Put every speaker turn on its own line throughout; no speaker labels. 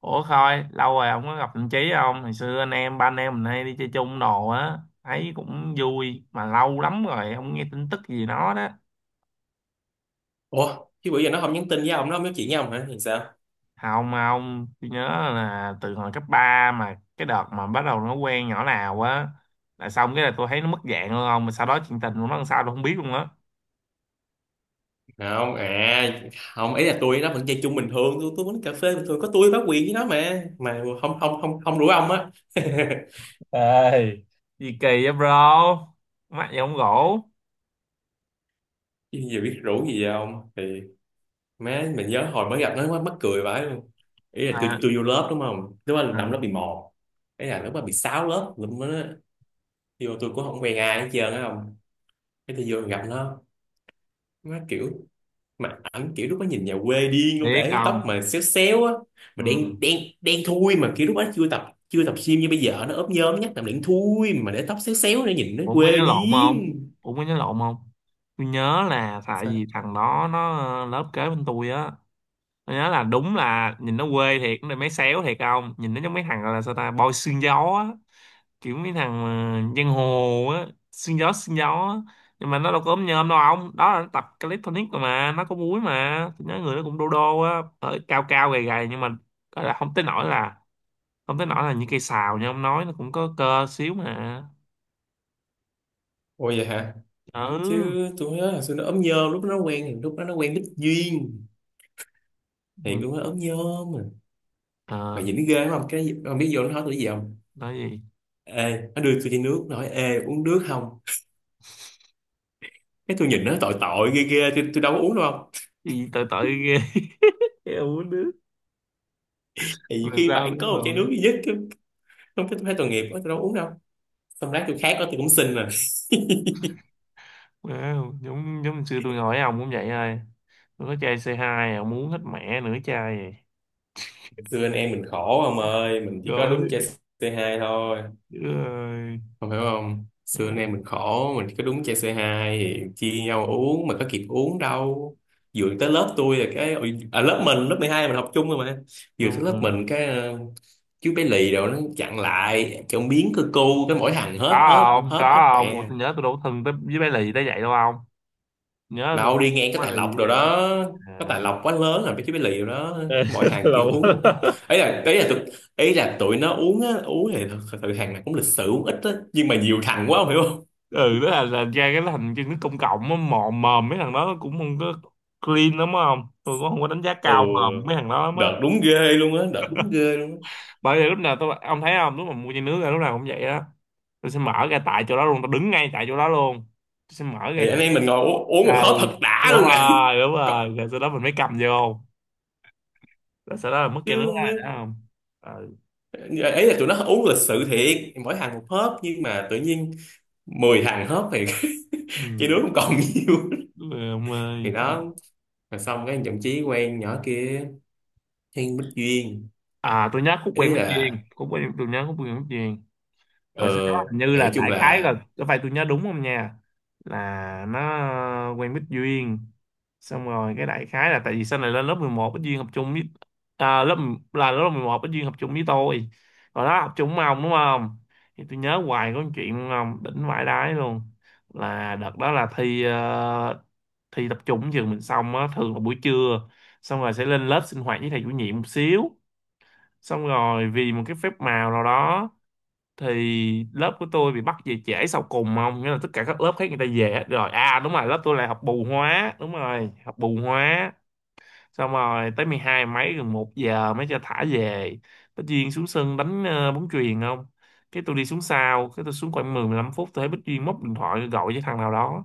Ủa Khôi, lâu rồi không có gặp thằng Chí không? Hồi xưa anh em, ba anh em mình hay đi chơi chung đồ á, thấy cũng vui, mà lâu lắm rồi, không nghe tin tức gì nó đó.
Ủa, chứ bữa giờ nó không nhắn tin với ông, nó không nói chuyện với ông hả thì sao?
Không mà ông, tôi nhớ là từ hồi cấp 3 mà cái đợt mà bắt đầu nó quen nhỏ nào á, là xong cái là tôi thấy nó mất dạng luôn không, mà sau đó chuyện tình của nó làm sao tôi không biết luôn á.
Không à? Không, ý là nó vẫn chơi chung bình thường, tôi uống cà phê bình thường có tôi bá quyền với nó mà không không không không rủ ông á.
Ê, gì kỳ vậy bro, mắt gì không gỗ.
Chứ giờ biết rủ gì vậy ông thì má, mình nhớ hồi mới gặp nó quá mắc cười vãi luôn. Ý là tôi
À,
tôi vô lớp đúng không, lúc đó là
à,
năm lớp 11, ý là lúc đó bị sáu lớp, lúc đó vô tôi cũng không quen ai hết trơn á, không, cái tôi vô gặp nó kiểu, mà ảnh kiểu lúc đó nhìn nhà quê điên luôn,
biết
để tóc
không?
mà xéo xéo á, mà
Ừ.
đen đen đen thui, mà kiểu lúc đó chưa tập, chưa tập gym như bây giờ, nó ốp nhôm nhắc làm đen thui mà để tóc xéo xéo nữa nhìn nó
Ủa, ông có
quê
nhớ lộn không?
điên.
Ủa, có nhớ lộn không? Tôi nhớ là tại
Sao?
vì thằng đó nó lớp kế bên tôi á. Tôi nhớ là đúng là nhìn nó quê thiệt, nó mấy xéo thiệt không? Nhìn nó giống mấy thằng gọi là sao ta, boy xương gió á. Kiểu mấy thằng giang hồ á, xương gió á. Nhưng mà nó đâu có ốm nhom đâu ông. Đó là nó tập calisthenics rồi mà, nó có múi mà. Tôi nhớ người nó cũng đô đô á, ở cao cao gầy gầy nhưng mà gọi là không tới nỗi là những cây sào như ông nói, nó cũng có cơ xíu mà.
Ôi vậy hả?
Ừ.
Chứ tôi nhớ là xưa nó ốm nhôm, lúc nó quen, lúc đó nó quen Bích Duyên thì
Ừ.
cũng nó ốm nhôm mà
Ờ.
nhìn nó ghê không, cái không biết vô nó nói tôi cái gì không,
Nói gì,
ê nó đưa tôi chai nước nói ê uống nước không, cái tôi nhìn nó tội tội ghê ghê, tôi đâu có uống đâu không,
gì tội tội ghê. Em uống nước.
thì nhiều
Làm
khi
sao?
bạn có
Đúng
một chai nước
rồi.
duy nhất chứ. Không, cái tôi thấy tội nghiệp quá tôi đâu có uống đâu, xong rác tôi khác đó tôi cũng xin mà.
Wow. Giống giống xưa tôi hỏi ông cũng vậy thôi, tôi có chai c hai ông uống hết mẹ nửa chai vậy.
Xưa anh em mình khổ ông ơi, mình chỉ có đúng
Gọi
chơi C2 thôi,
ơi.
không hiểu không, xưa anh
Mẹ,
em mình khổ, mình chỉ có đúng chơi C2 thì chia nhau uống mà có kịp uống đâu, vừa tới lớp tôi là cái ôi, à, lớp mình lớp 12 mình học chung rồi mà, vừa
đúng
tới lớp
rồi.
mình cái chú bé lì rồi nó chặn lại chọn biến cơ cu cái mỗi thằng
Có
hết hết
không
hết hết
có không. Ủa,
mẹ,
tôi nhớ tôi đâu có thân tới với bé lì tới vậy đâu không, nhớ tôi
đâu
không
đi ngang
có
cái Tài
bé lì
Lộc
như
rồi
vậy đó.
đó, cái
À.
Tài Lộc quá lớn rồi mấy cái bí lì rồi đó, mỗi hàng kiểu
Lộn.
uống không, ấy là ấy là tụi ấy là tụi nó uống á, uống thì thật sự hàng này cũng lịch sự uống ít á nhưng mà nhiều thằng quá không hiểu không.
Ừ đó là ra cái thành chân nước công cộng á, mò mòm mấy thằng đó cũng không có clean lắm á, không tôi cũng không có đánh giá
Ừ,
cao mòm mấy thằng đó lắm á.
đợt đúng ghê luôn á, đợt đúng ghê luôn á,
Bởi vì lúc nào tôi, ông thấy không, lúc mà mua chai nước ra lúc nào cũng vậy đó, tôi sẽ mở ra tại chỗ đó luôn, tôi đứng ngay tại chỗ đó luôn, tôi sẽ mở ra.
thì anh em mình ngồi uống, uống một
À,
hớp
ừ.
thật đã
đúng
luôn nè.
rồi đúng rồi
Còn-
rồi sau đó mình mới cầm vô, rồi sau đó là mất chai nước
chứ
ra đó
mấy-
không. Ừ.
ấy là tụi nó uống lịch sự thiệt, mỗi thằng một hớp nhưng mà tự nhiên 10 thằng hớp thì
Ừ.
chỉ đứa không còn nhiều,
Đúng rồi ông
thì
ơi.
đó. Rồi xong cái thậm chí quen nhỏ kia, Thiên Bích Duyên,
À tôi nhớ khúc
ý
quen mất duyên,
là
khúc quen mất duyên.
ờ,
Rồi sau đó hình như là
nói chung
đại khái
là,
là, có phải tôi nhớ đúng không nha, là nó quen Bích Duyên, xong rồi cái đại khái là tại vì sau này lên lớp 11 Bích Duyên học chung với, à, lớp 11 Bích Duyên học chung với tôi, rồi đó học chung với ông đúng không. Thì tôi nhớ hoài có một chuyện đúng không, đỉnh vãi đái luôn. Là đợt đó là thi thi tập trung trường mình xong á, thường là buổi trưa xong rồi sẽ lên lớp sinh hoạt với thầy chủ nhiệm một xíu, xong rồi vì một cái phép màu nào đó thì lớp của tôi bị bắt về trễ sau cùng không, nghĩa là tất cả các lớp khác người ta về hết rồi, à đúng rồi, lớp tôi là học bù hóa, đúng rồi học bù hóa, xong rồi tới 12 mấy gần một giờ mới cho thả về. Bích Duyên xuống sân đánh bóng chuyền không, cái tôi đi xuống sau, cái tôi xuống khoảng 10 15 phút tôi thấy Bích Duyên móc điện thoại gọi với thằng nào đó,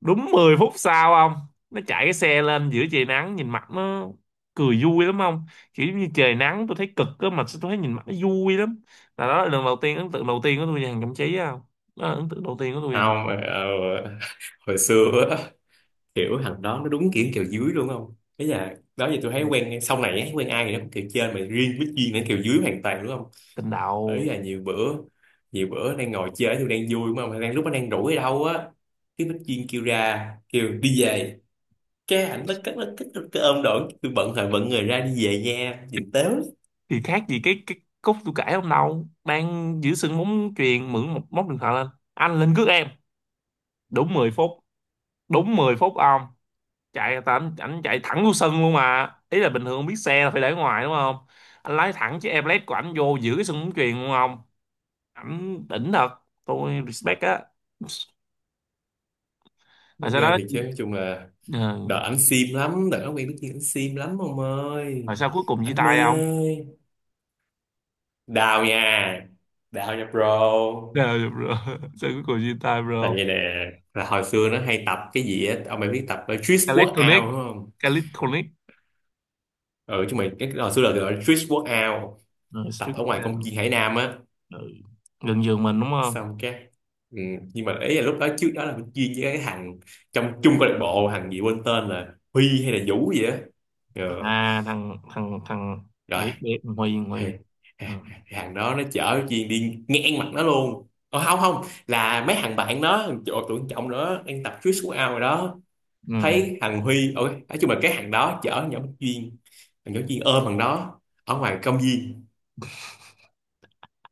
đúng 10 phút sau ông, nó chạy cái xe lên giữa trời nắng, nhìn mặt nó cười vui lắm ông, kiểu giống như trời nắng tôi thấy cực á, mà tôi thấy nhìn mặt nó vui lắm, là đó là lần đầu tiên ấn tượng đầu tiên của tôi về hàng Cẩm Trí á không, đó là ấn tượng đầu tiên của tôi về nó.
không, hồi xưa á, kiểu thằng đó nó đúng kiểu kèo dưới luôn không, ý là đó giờ tôi thấy quen sau này ấy, quen ai thì nó cũng kèo trên mà riêng với Duyên nó kèo dưới hoàn toàn đúng không.
Tình
Ý
đầu.
là nhiều bữa, nhiều bữa đang ngồi chơi tôi đang vui mà đang lúc nó đang rủ ở đâu á, cái Bích Duyên kêu ra kêu đi về, cái ảnh nó cất, nó cất cái ôm đổi tôi bận thời bận người ra đi về nha nhìn tếu
Thì khác gì cái cúc tôi kể hôm đầu đang giữ sân bóng chuyền mượn một móc điện thoại lên, anh lên cướp em, đúng 10 phút, đúng 10 phút ông, chạy tại anh chạy thẳng vô sân luôn, mà ý là bình thường biết xe là phải để ngoài đúng không, anh lái thẳng chiếc Everest của anh vô giữ cái sân bóng chuyền luôn không. Ảnh đỉnh thật, tôi respect á. Rồi sau
ghê.
đó,
Thì chứ nói chung là,
ờ,
đợt ảnh sim lắm, đợt nó quen biết kia ảnh sim lắm ông ơi.
rồi sao cuối cùng chia
Ảnh mê.
tay không?
Đào nha. Đào nha bro.
Ờ, được rồi. Sao cuối cùng chia tay
Là
bro?
vậy nè, là hồi xưa nó hay tập cái gì á, ông mày biết tập Trick Workout
Calisthenics.
đúng không?
Calisthenics.
Ừ, chúng mày cái hồi xưa là gọi là Trick Workout,
Ừ,
tập
street
ở ngoài công
workout.
viên Hải Nam á.
Ừ. Gần giường mình đúng không.
Xong cái, ừ, nhưng mà ý là lúc đó, trước đó là mình chuyên với cái thằng trong chung câu lạc bộ, thằng gì quên tên là Huy hay là Vũ gì á. Ừ.
À thằng thằng thằng
Rồi
biết biết Huy
thì
Huy Ừ.
hàng đó nó chở chuyện đi ngang mặt nó luôn. Ờ, không không là mấy thằng bạn nó, thằng chỗ tưởng trọng nữa đang tập trước xuống ao rồi đó,
Ừ.
thấy thằng Huy, ôi nói chung là cái thằng đó chở nhỏ Duyên, thằng nhỏ Duyên ôm thằng đó ở ngoài công viên,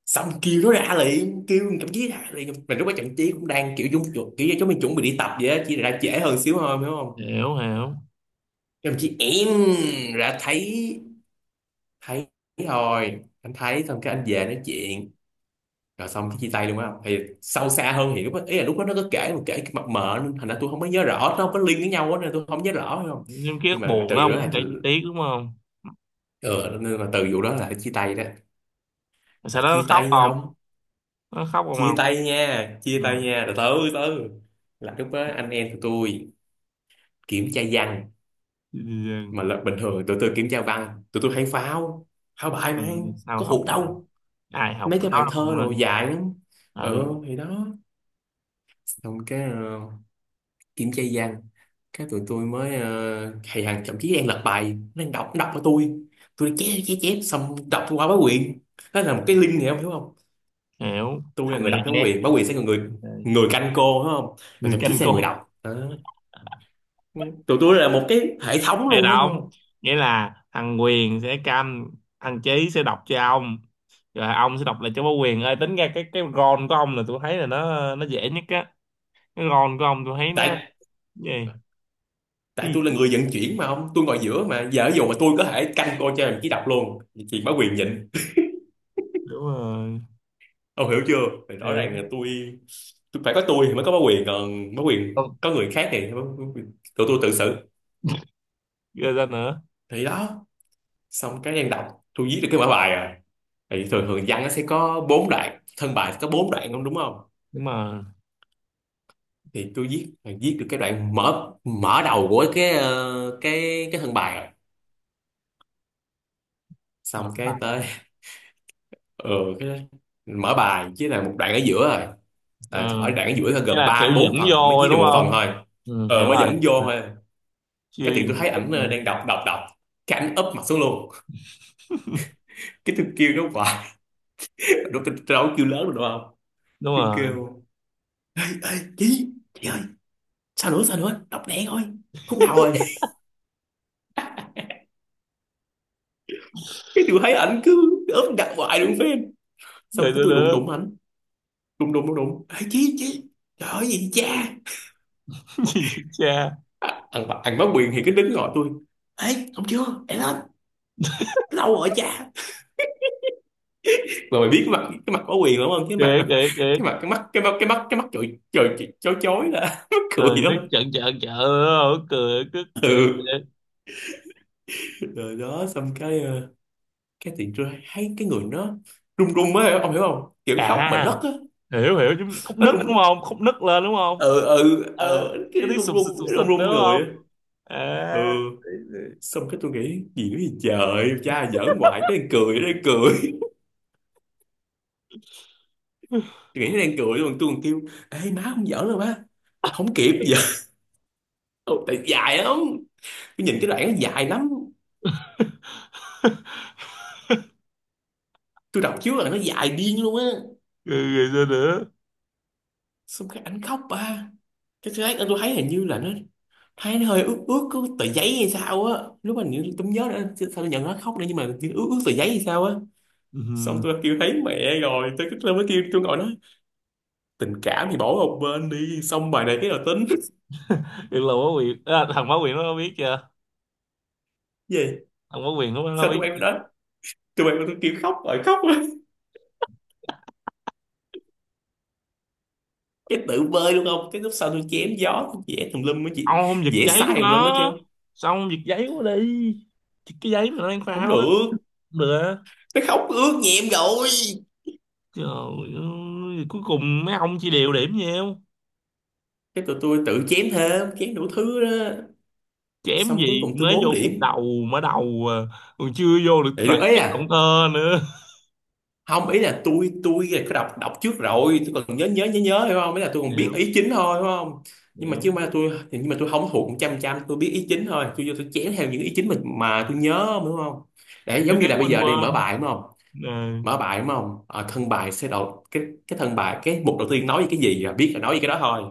xong kêu nó ra liền, kêu thằng Trọng chí ra liền, mà lúc đó thằng chí cũng đang kiểu dung chuột kiểu giống chúng mình chuẩn bị đi tập vậy á, chỉ là ra trễ hơn xíu thôi hiểu không.
Hiểu hiểu.
Thằng chí em ra thấy, thấy, thôi anh thấy xong cái anh về nói chuyện, rồi xong cái chia tay luôn á, thì sâu xa hơn hiểu á. Ý là lúc đó nó có kể mà kể cái mập mờ nên thành ra tôi không có nhớ rõ, nó không có liên với nhau á nên tôi không nhớ rõ phải không.
Nhưng ký
Nhưng
ức
mà
buồn
từ vụ
lắm,
đó
không
là,
để chi tiết đúng không.
ừ, nên mà từ vụ đó là chia tay đó, mà
Sao nó
chia
khóc
tay
không?
nhau,
Nó khóc không?
chia
Không.
tay nha, chia
Ừ.
tay nha, từ từ từ là lúc đó anh em tụi tôi kiểm tra văn,
Ừ.
mà là bình thường tụi tôi kiểm tra văn tụi tôi hay phao, phao bài
Ừ.
mà
Sao
có
học
hụt
được?
đâu,
Ai học
mấy cái
đó
bài
là
thơ
con
đồ
ơi.
dài lắm. Ừ
Ừ.
thì đó, xong cái kiểm tra văn, cái tụi tôi mới thầy Hằng thậm chí đang lật bài, nó đang đọc, nó đọc cho tôi đang chép chép chép xong đọc qua báo quyền, đó là một cái link này không hiểu không.
Hiểu,
Tôi
thằng
là người
này
đọc, báo
nhé.
quyền, báo quyền sẽ là người,
Ừ.
người canh cô đúng không, rồi
Người
thậm chí
canh
sẽ là người
cô.
đọc đó. Tụi tôi là một cái hệ thống
Đây
luôn á đúng
đóng,
không.
nghĩa là thằng Quyền sẽ canh, thằng Chí sẽ đọc cho ông, rồi ông sẽ đọc lại cho bố Quyền ơi, tính ra cái ron của ông là tôi thấy là nó dễ nhất á, cái ron của ông tôi thấy nó
tại
gì.
tại
Cái
tôi là
gì?
người vận chuyển mà không, tôi ngồi giữa mà, giờ ví dụ mà tôi có thể canh cô cho đồng chí đọc luôn, chị báo quyền nhịn,
Đúng rồi.
ông hiểu chưa. Thì rõ
Thế.
ràng là tôi phải có tôi thì mới có bá quyền, còn bá quyền
Không,
có người khác thì tụi tôi tự xử,
ghê ra nữa.
thì đó. Xong cái đang đọc, tôi viết được cái mở bài rồi, thì thường thường văn nó sẽ có bốn đoạn thân bài, có bốn đoạn không đúng không.
Đúng mà.
Thì tôi viết, viết được cái đoạn mở mở đầu của cái cái thân bài rồi,
Mở
xong cái
bài.
tới, ừ, cái mở bài với là một đoạn ở giữa rồi.
Ờ.
Ờ, ở đoạn ở giữa là
Nghĩa
gồm
là
3
kiểu
đến
dẫn
4 phần
vô
thì mới
thôi
viết được
đúng
một phần
không.
thôi.
Ừ,
Ờ
hiểu
mới
rồi.
dẫn vô thôi,
Chưa
cái tiện
dùng
tôi thấy
tích
ảnh
nữa.
đang đọc đọc đọc, cái ảnh úp mặt xuống luôn, cái tôi kêu nó hoài, nó tôi đâu có kêu lớn được đúng không.
Đúng
Tôi
rồi.
kêu, ê chị ơi, sao nữa sao nữa, đọc lẹ thôi, khúc nào rồi. Cái tôi thấy ảnh cứ úp đặt hoài luôn phim, xong
Rồi
cái
đó
tôi đụng
đó.
đụng ảnh, đụng đụng ê chị, trời ơi gì cha,
Gì vậy cha.
à, ăn ăn bá quyền thì cái đứng gọi tôi, ê không chưa để lên, lâu rồi cha. Mà mày biết cái mặt, cái mặt bá quyền đúng không, cái mặt
Kể kể kể.
cái mặt cái mắt trời trời chói chói là mắc
Ừ,
cười
nó
lắm.
chợn chợn chợn, ừ, cười cứ cười,
Ừ,
cười.
rồi đó xong cái cái tiện tôi thấy cái người nó run run á, ông hiểu không, kiểu khóc mà
À.
nấc á.
Hiểu hiểu, chứ khúc
Nó
nứt đúng
run,
không, khúc nứt lên đúng không.
ừ ừ
Ờ,
ừ cái
cái tiếng
run
sụp
run,
sụp sụp
cái run
sụp đúng
run người
không.
á.
À.
Ừ, xong cái tôi nghĩ gì nữa, gì trời cha giỡn hoài, cái đang cười, nó đang cười. Tôi nghĩ nó đang cười luôn, tôi còn kêu, ê má không giỡn đâu má, không kịp giờ. Tại dài lắm, tôi nhìn cái đoạn nó dài lắm, tôi đọc trước là nó dài điên luôn á.
Rồi, rồi sao nữa.
Xong cái ảnh khóc ba, cái thứ ấy tôi thấy hình như là nó, thấy nó hơi ướt ướt có tờ giấy hay sao á, lúc mà nhớ- tôi không nhớ nữa chứ sao tôi nhận nó khóc nữa, nhưng mà kiểu ướt ướt tờ giấy hay sao á. Xong
Ừ.
tôi kêu thấy mẹ rồi, tôi mới kêu, tôi ngồi nói, tình cảm thì bỏ một bên đi, xong bài này cái nào tính.
Được là quá quyền à, thằng Bá Quyền nó biết chưa,
Gì,
thằng Bá Quyền nó
sao
biết.
tụi em đó, tụi em tôi kêu khóc rồi khóc rồi. Cái tự bơi luôn không cái lúc sau tôi chém gió tôi vẽ tùm lum á chị.
Ông không giật
Vẽ
giấy của
sai tùm lum hết trơn.
nó? Sao ông giật giấy của nó đi? Thì cái giấy mà nó đang
Không
phao á.
được.
Không được á.
Nó khóc ướt nhẹm rồi.
Trời ơi, cuối cùng mấy ông chỉ đều điểm nhau.
Cái tụi tôi tự chém thêm chém đủ thứ đó.
Kém
Xong cuối
gì,
cùng tôi
mới vô
bốn
khúc
điểm
đầu, mở đầu à, còn chưa vô được
Để được
loại
ấy
chiếc
à?
động cơ nữa.
Không, ý là tôi là có đọc đọc trước rồi, tôi còn nhớ nhớ nhớ nhớ, hiểu không? Ý là tôi còn biết
Hiểu,
ý chính thôi, hiểu không? Nhưng mà
hiểu.
chứ mà tôi thì nhưng mà tôi không thuộc một trăm trăm, tôi biết ý chính thôi, tôi vô tôi chén theo những ý chính mà tôi nhớ, đúng không? Để
Thế
giống như
giới,
là bây
quên
giờ đi, mở
quên,
bài đúng không,
nè
mở bài đúng không? Ờ, thân bài sẽ đầu cái thân bài, cái mục đầu tiên nói về cái gì là biết là nói về cái đó thôi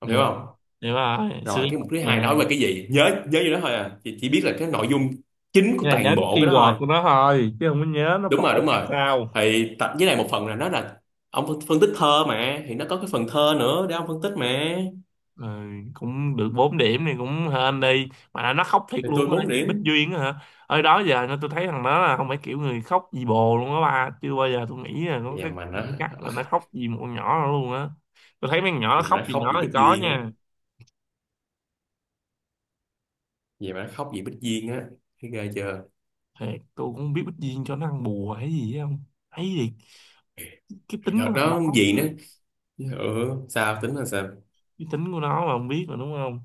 không,
nè.
hiểu không?
Hiểu rồi, xưa
Rồi cái mục
học
thứ hai
mà.
nói về cái gì, nhớ nhớ như đó thôi à chỉ, biết là cái nội dung chính của
Thế là nhớ
toàn
cái
bộ cái đó thôi.
keyword của nó thôi chứ không có nhớ nó
Đúng rồi,
phổ
đúng
làm
rồi.
sao.
Thì tập với này một phần là nó là ông phân phân tích thơ mà, thì nó có cái phần thơ nữa để ông phân tích mà.
Ừ, cũng được 4 điểm thì cũng hên đi, mà nó khóc thiệt
Thì tôi
luôn á
bốn
vì Bích
điểm.
Duyên á hả, ở đó giờ nó tôi thấy thằng đó là không phải kiểu người khóc vì bồ luôn á ba, chưa bao giờ tôi nghĩ là có
Vậy
cái
mà nó,
cảm giác mà nó khóc vì một con nhỏ đó luôn á, tôi thấy mấy con nhỏ nó
vậy mà
khóc
nó
vì
khóc
nó
vì
thì
Bích
có
Duyên á,
nha.
vậy mà nó khóc vì Bích Duyên á, thấy ghê chưa.
Thiệt tôi cũng không biết Bích Duyên cho nó ăn bùa hay gì á không, thấy gì cái
Thì
tính của
đợt
thằng đó
đó gì
mà.
nữa. Ừ, sao tính là sao.
Cái tính của nó mà, không biết mà đúng không,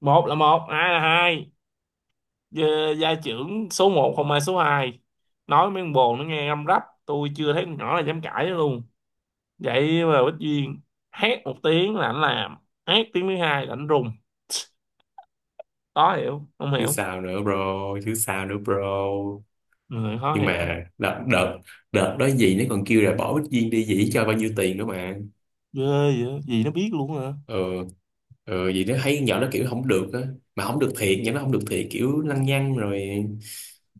một là một hai là hai. Gia, gia trưởng số một không ai số hai. Nói mấy con bồ nó nghe răm rắp, tôi chưa thấy con nhỏ là dám cãi luôn. Vậy mà Bích Duyên hét một tiếng là anh làm, hét tiếng thứ hai là anh rùng. Khó hiểu, không
Chứ
hiểu,
sao nữa bro, chứ sao nữa bro.
người khó
Nhưng
hiểu.
mà đợt đợt đợt đó gì, nó còn kêu là bỏ Bích Duyên đi dĩ cho bao nhiêu tiền nữa mà.
Ghê, vậy gì nó biết luôn hả.
Ờ. Ờ vậy đó, thấy nhỏ nó kiểu không được á, mà không được thiệt, nhỏ nó không được thiệt, kiểu lăng nhăng rồi.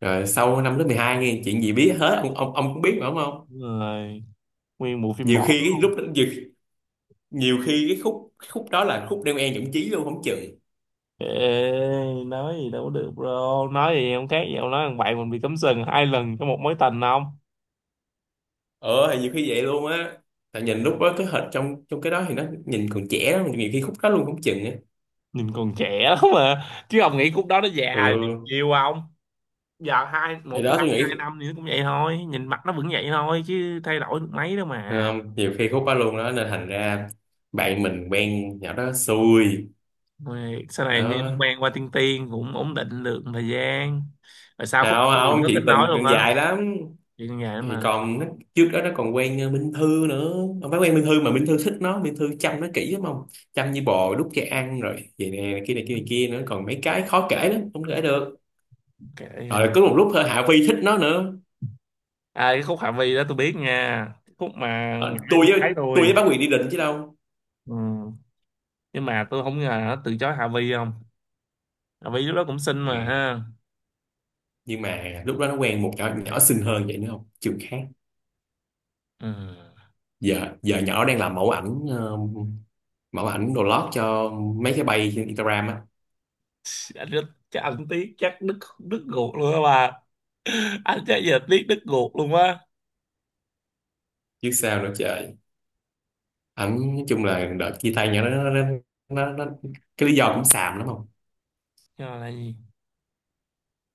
Rồi sau năm lớp 12 nghe chuyện gì biết hết, ông cũng biết mà, đúng không.
Rồi nguyên bộ phim
nhiều
bỏ
khi cái
luôn.
lúc đó, nhiều, nhiều khi cái khúc đó là khúc đeo e nhũng chí luôn không chừng.
Ê, nói gì đâu có được bro, nói gì không khác gì ông nói thằng bạn mình bị cấm sừng 2 lần trong một mối tình không.
Ờ thì nhiều khi vậy luôn á, tại nhìn lúc đó cái hình trong trong cái đó thì nó nhìn còn trẻ lắm, nhiều khi khúc đó luôn không chừng á.
Nhìn còn trẻ lắm mà, chứ ông nghĩ khúc đó nó già
Ừ
nhiều không, giờ hai
thì
một
đó
năm
tôi
hai
nghĩ
năm nữa cũng vậy thôi, nhìn mặt nó vẫn vậy thôi chứ thay đổi được mấy đâu mà.
không, nhiều khi khúc đó luôn đó nên thành ra bạn mình quen nhỏ đó xui
Rồi sau này nghe nó
đó.
quen qua tiên tiên cũng ổn định được một thời gian, rồi sau khúc
Không
từ
không,
nó
chuyện
tính nói
tình
luôn
còn
á,
dài lắm.
chuyện như vậy
Thì
mà.
còn nó, trước đó nó còn quen ờ, Minh Thư nữa. Không phải quen Minh Thư mà Minh Thư thích nó, Minh Thư chăm nó kỹ lắm không, chăm như bò đút cho ăn rồi vậy nè, này kia này kia này kia nữa, còn mấy cái khó kể lắm không kể được.
Kệ à.
Rồi có một lúc thôi Hạ Phi thích nó nữa.
À, cái khúc Hạ Vi đó tôi biết nha, khúc mà ngã
Ờ,
em
tôi với,
gái
tôi
tôi.
với Bá Quyền đi định chứ đâu.
Ừ. Nhưng mà tôi không ngờ nó từ chối Hạ Vi không, Hạ Vi lúc đó cũng xinh
Ừ.
mà ha.
Nhưng mà lúc đó nó quen một nhỏ nhỏ xinh hơn vậy nữa không, trường khác.
Ừ.
Giờ giờ nhỏ đang làm mẫu ảnh, ờ, mẫu ảnh đồ lót cho mấy cái bay trên Instagram á.
Anh rất, chắc anh tiếc chắc đứt đứt ruột luôn á bà, anh chắc giờ tiếc đứt ruột luôn á.
Chứ sao nữa trời. Ẩn nói chung là đợt chia tay nhỏ đó nó cái lý do cũng xàm lắm không.
Cho là gì.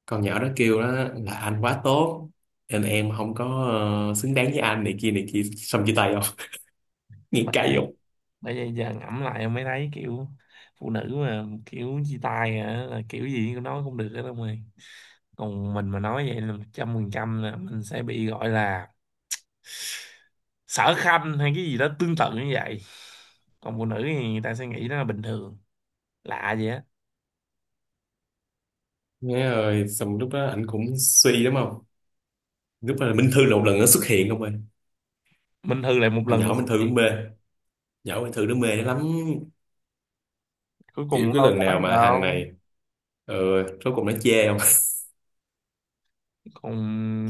Con nhỏ đó kêu đó là anh quá tốt nên em không có ờ, xứng đáng với anh, này kia này kia, xong chia tay không. nghe
Bà,
cay không.
bây giờ giờ ngẫm lại em mới thấy kiểu phụ nữ mà kiểu chia tay hả là kiểu gì cũng nói không được hết ông ơi, còn mình mà nói vậy là 100% là mình sẽ bị gọi là sở khanh hay cái gì đó tương tự như vậy, còn phụ nữ thì người ta sẽ nghĩ đó là bình thường, lạ gì á.
Nghe rồi xong lúc đó anh cũng suy lắm không. Lúc đó là Minh Thư là một lần nó xuất hiện không ơi.
Minh Thư lại một
Thằng
lần nữa
nhỏ
xuất
Minh Thư cũng
hiện
mê,
nữa.
nhỏ Minh Thư nó mê lắm.
Cuối cùng
Kiểu
cũng
cái
đâu
lần
tới
nào
gì
mà thằng
đâu,
này ừ, rốt cuộc nó chê không.
còn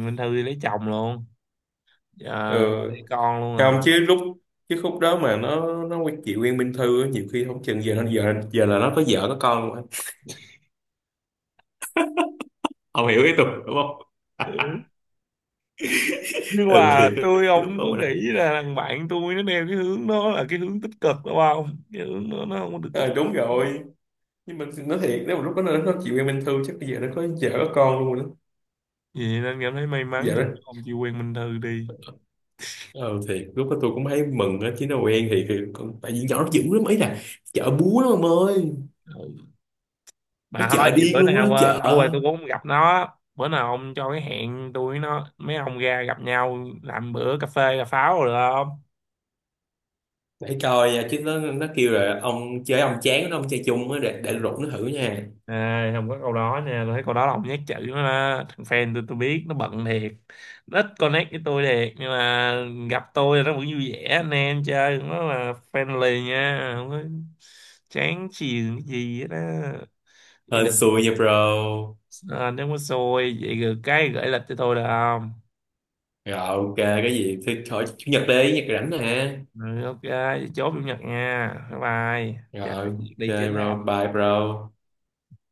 Minh Thư thì lấy chồng luôn, giờ
ừ.
lấy con
Không
luôn.
chứ lúc, chứ khúc đó mà nó quen chị quen Minh Thư á, nhiều khi không chừng giờ nó giờ giờ là nó có vợ có con luôn á. Ông hiểu ý tôi đúng không.
Rồi, nhưng
ừ thì
mà
cái
tôi
lúc
không có
đó mà
nghĩ là thằng bạn tôi nó theo cái hướng đó là cái hướng tích cực đúng không, cái hướng đó nó không có được tích
ờ,
cực
đúng rồi. Nhưng mà nói thiệt nếu mà lúc đó nó chịu em Minh Thư chắc bây giờ nó có vợ có con luôn rồi đó.
gì nên cảm thấy may mắn,
Vợ
gì
đó.
không chịu quen Minh Thư đi.
Ờ thiệt lúc đó tôi cũng thấy mừng á chứ nó quen thì còn tại vì nhỏ nó dữ lắm ấy là chợ búa đó ông ơi.
Ừ.
Nó
Mà thôi
chợ
vậy
điên
bữa
luôn á
nào
chợ.
lâu rồi tôi cũng không gặp nó, bữa nào ông cho cái hẹn tôi với nó mấy ông ra gặp nhau làm bữa cà phê cà pháo rồi được không.
Để coi nha, chứ nó kêu là ông chơi ông chán nó ông chơi chung á, để rủ nó thử nha.
À, không có câu đó nha, tôi thấy câu đó là ông nhát chữ nó đó, thằng fan tôi biết nó bận thiệt, nó ít connect với tôi thiệt nhưng mà gặp tôi nó vẫn vui vẻ anh em chơi, nó là friendly nha, không có chán chường cái gì hết á. Vậy
Hên
được.
xui nha bro.
À, nếu có xui vậy được cái gửi lịch cho tôi được không.
Rồi ok, cái gì thì khỏi Chủ nhật đi, nhật rảnh nè.
Ừ, ok vậy chốt chủ nhật nha, bye. Bye dạ,
Rồi
đi trước
ok
ha.
bro, bye bro.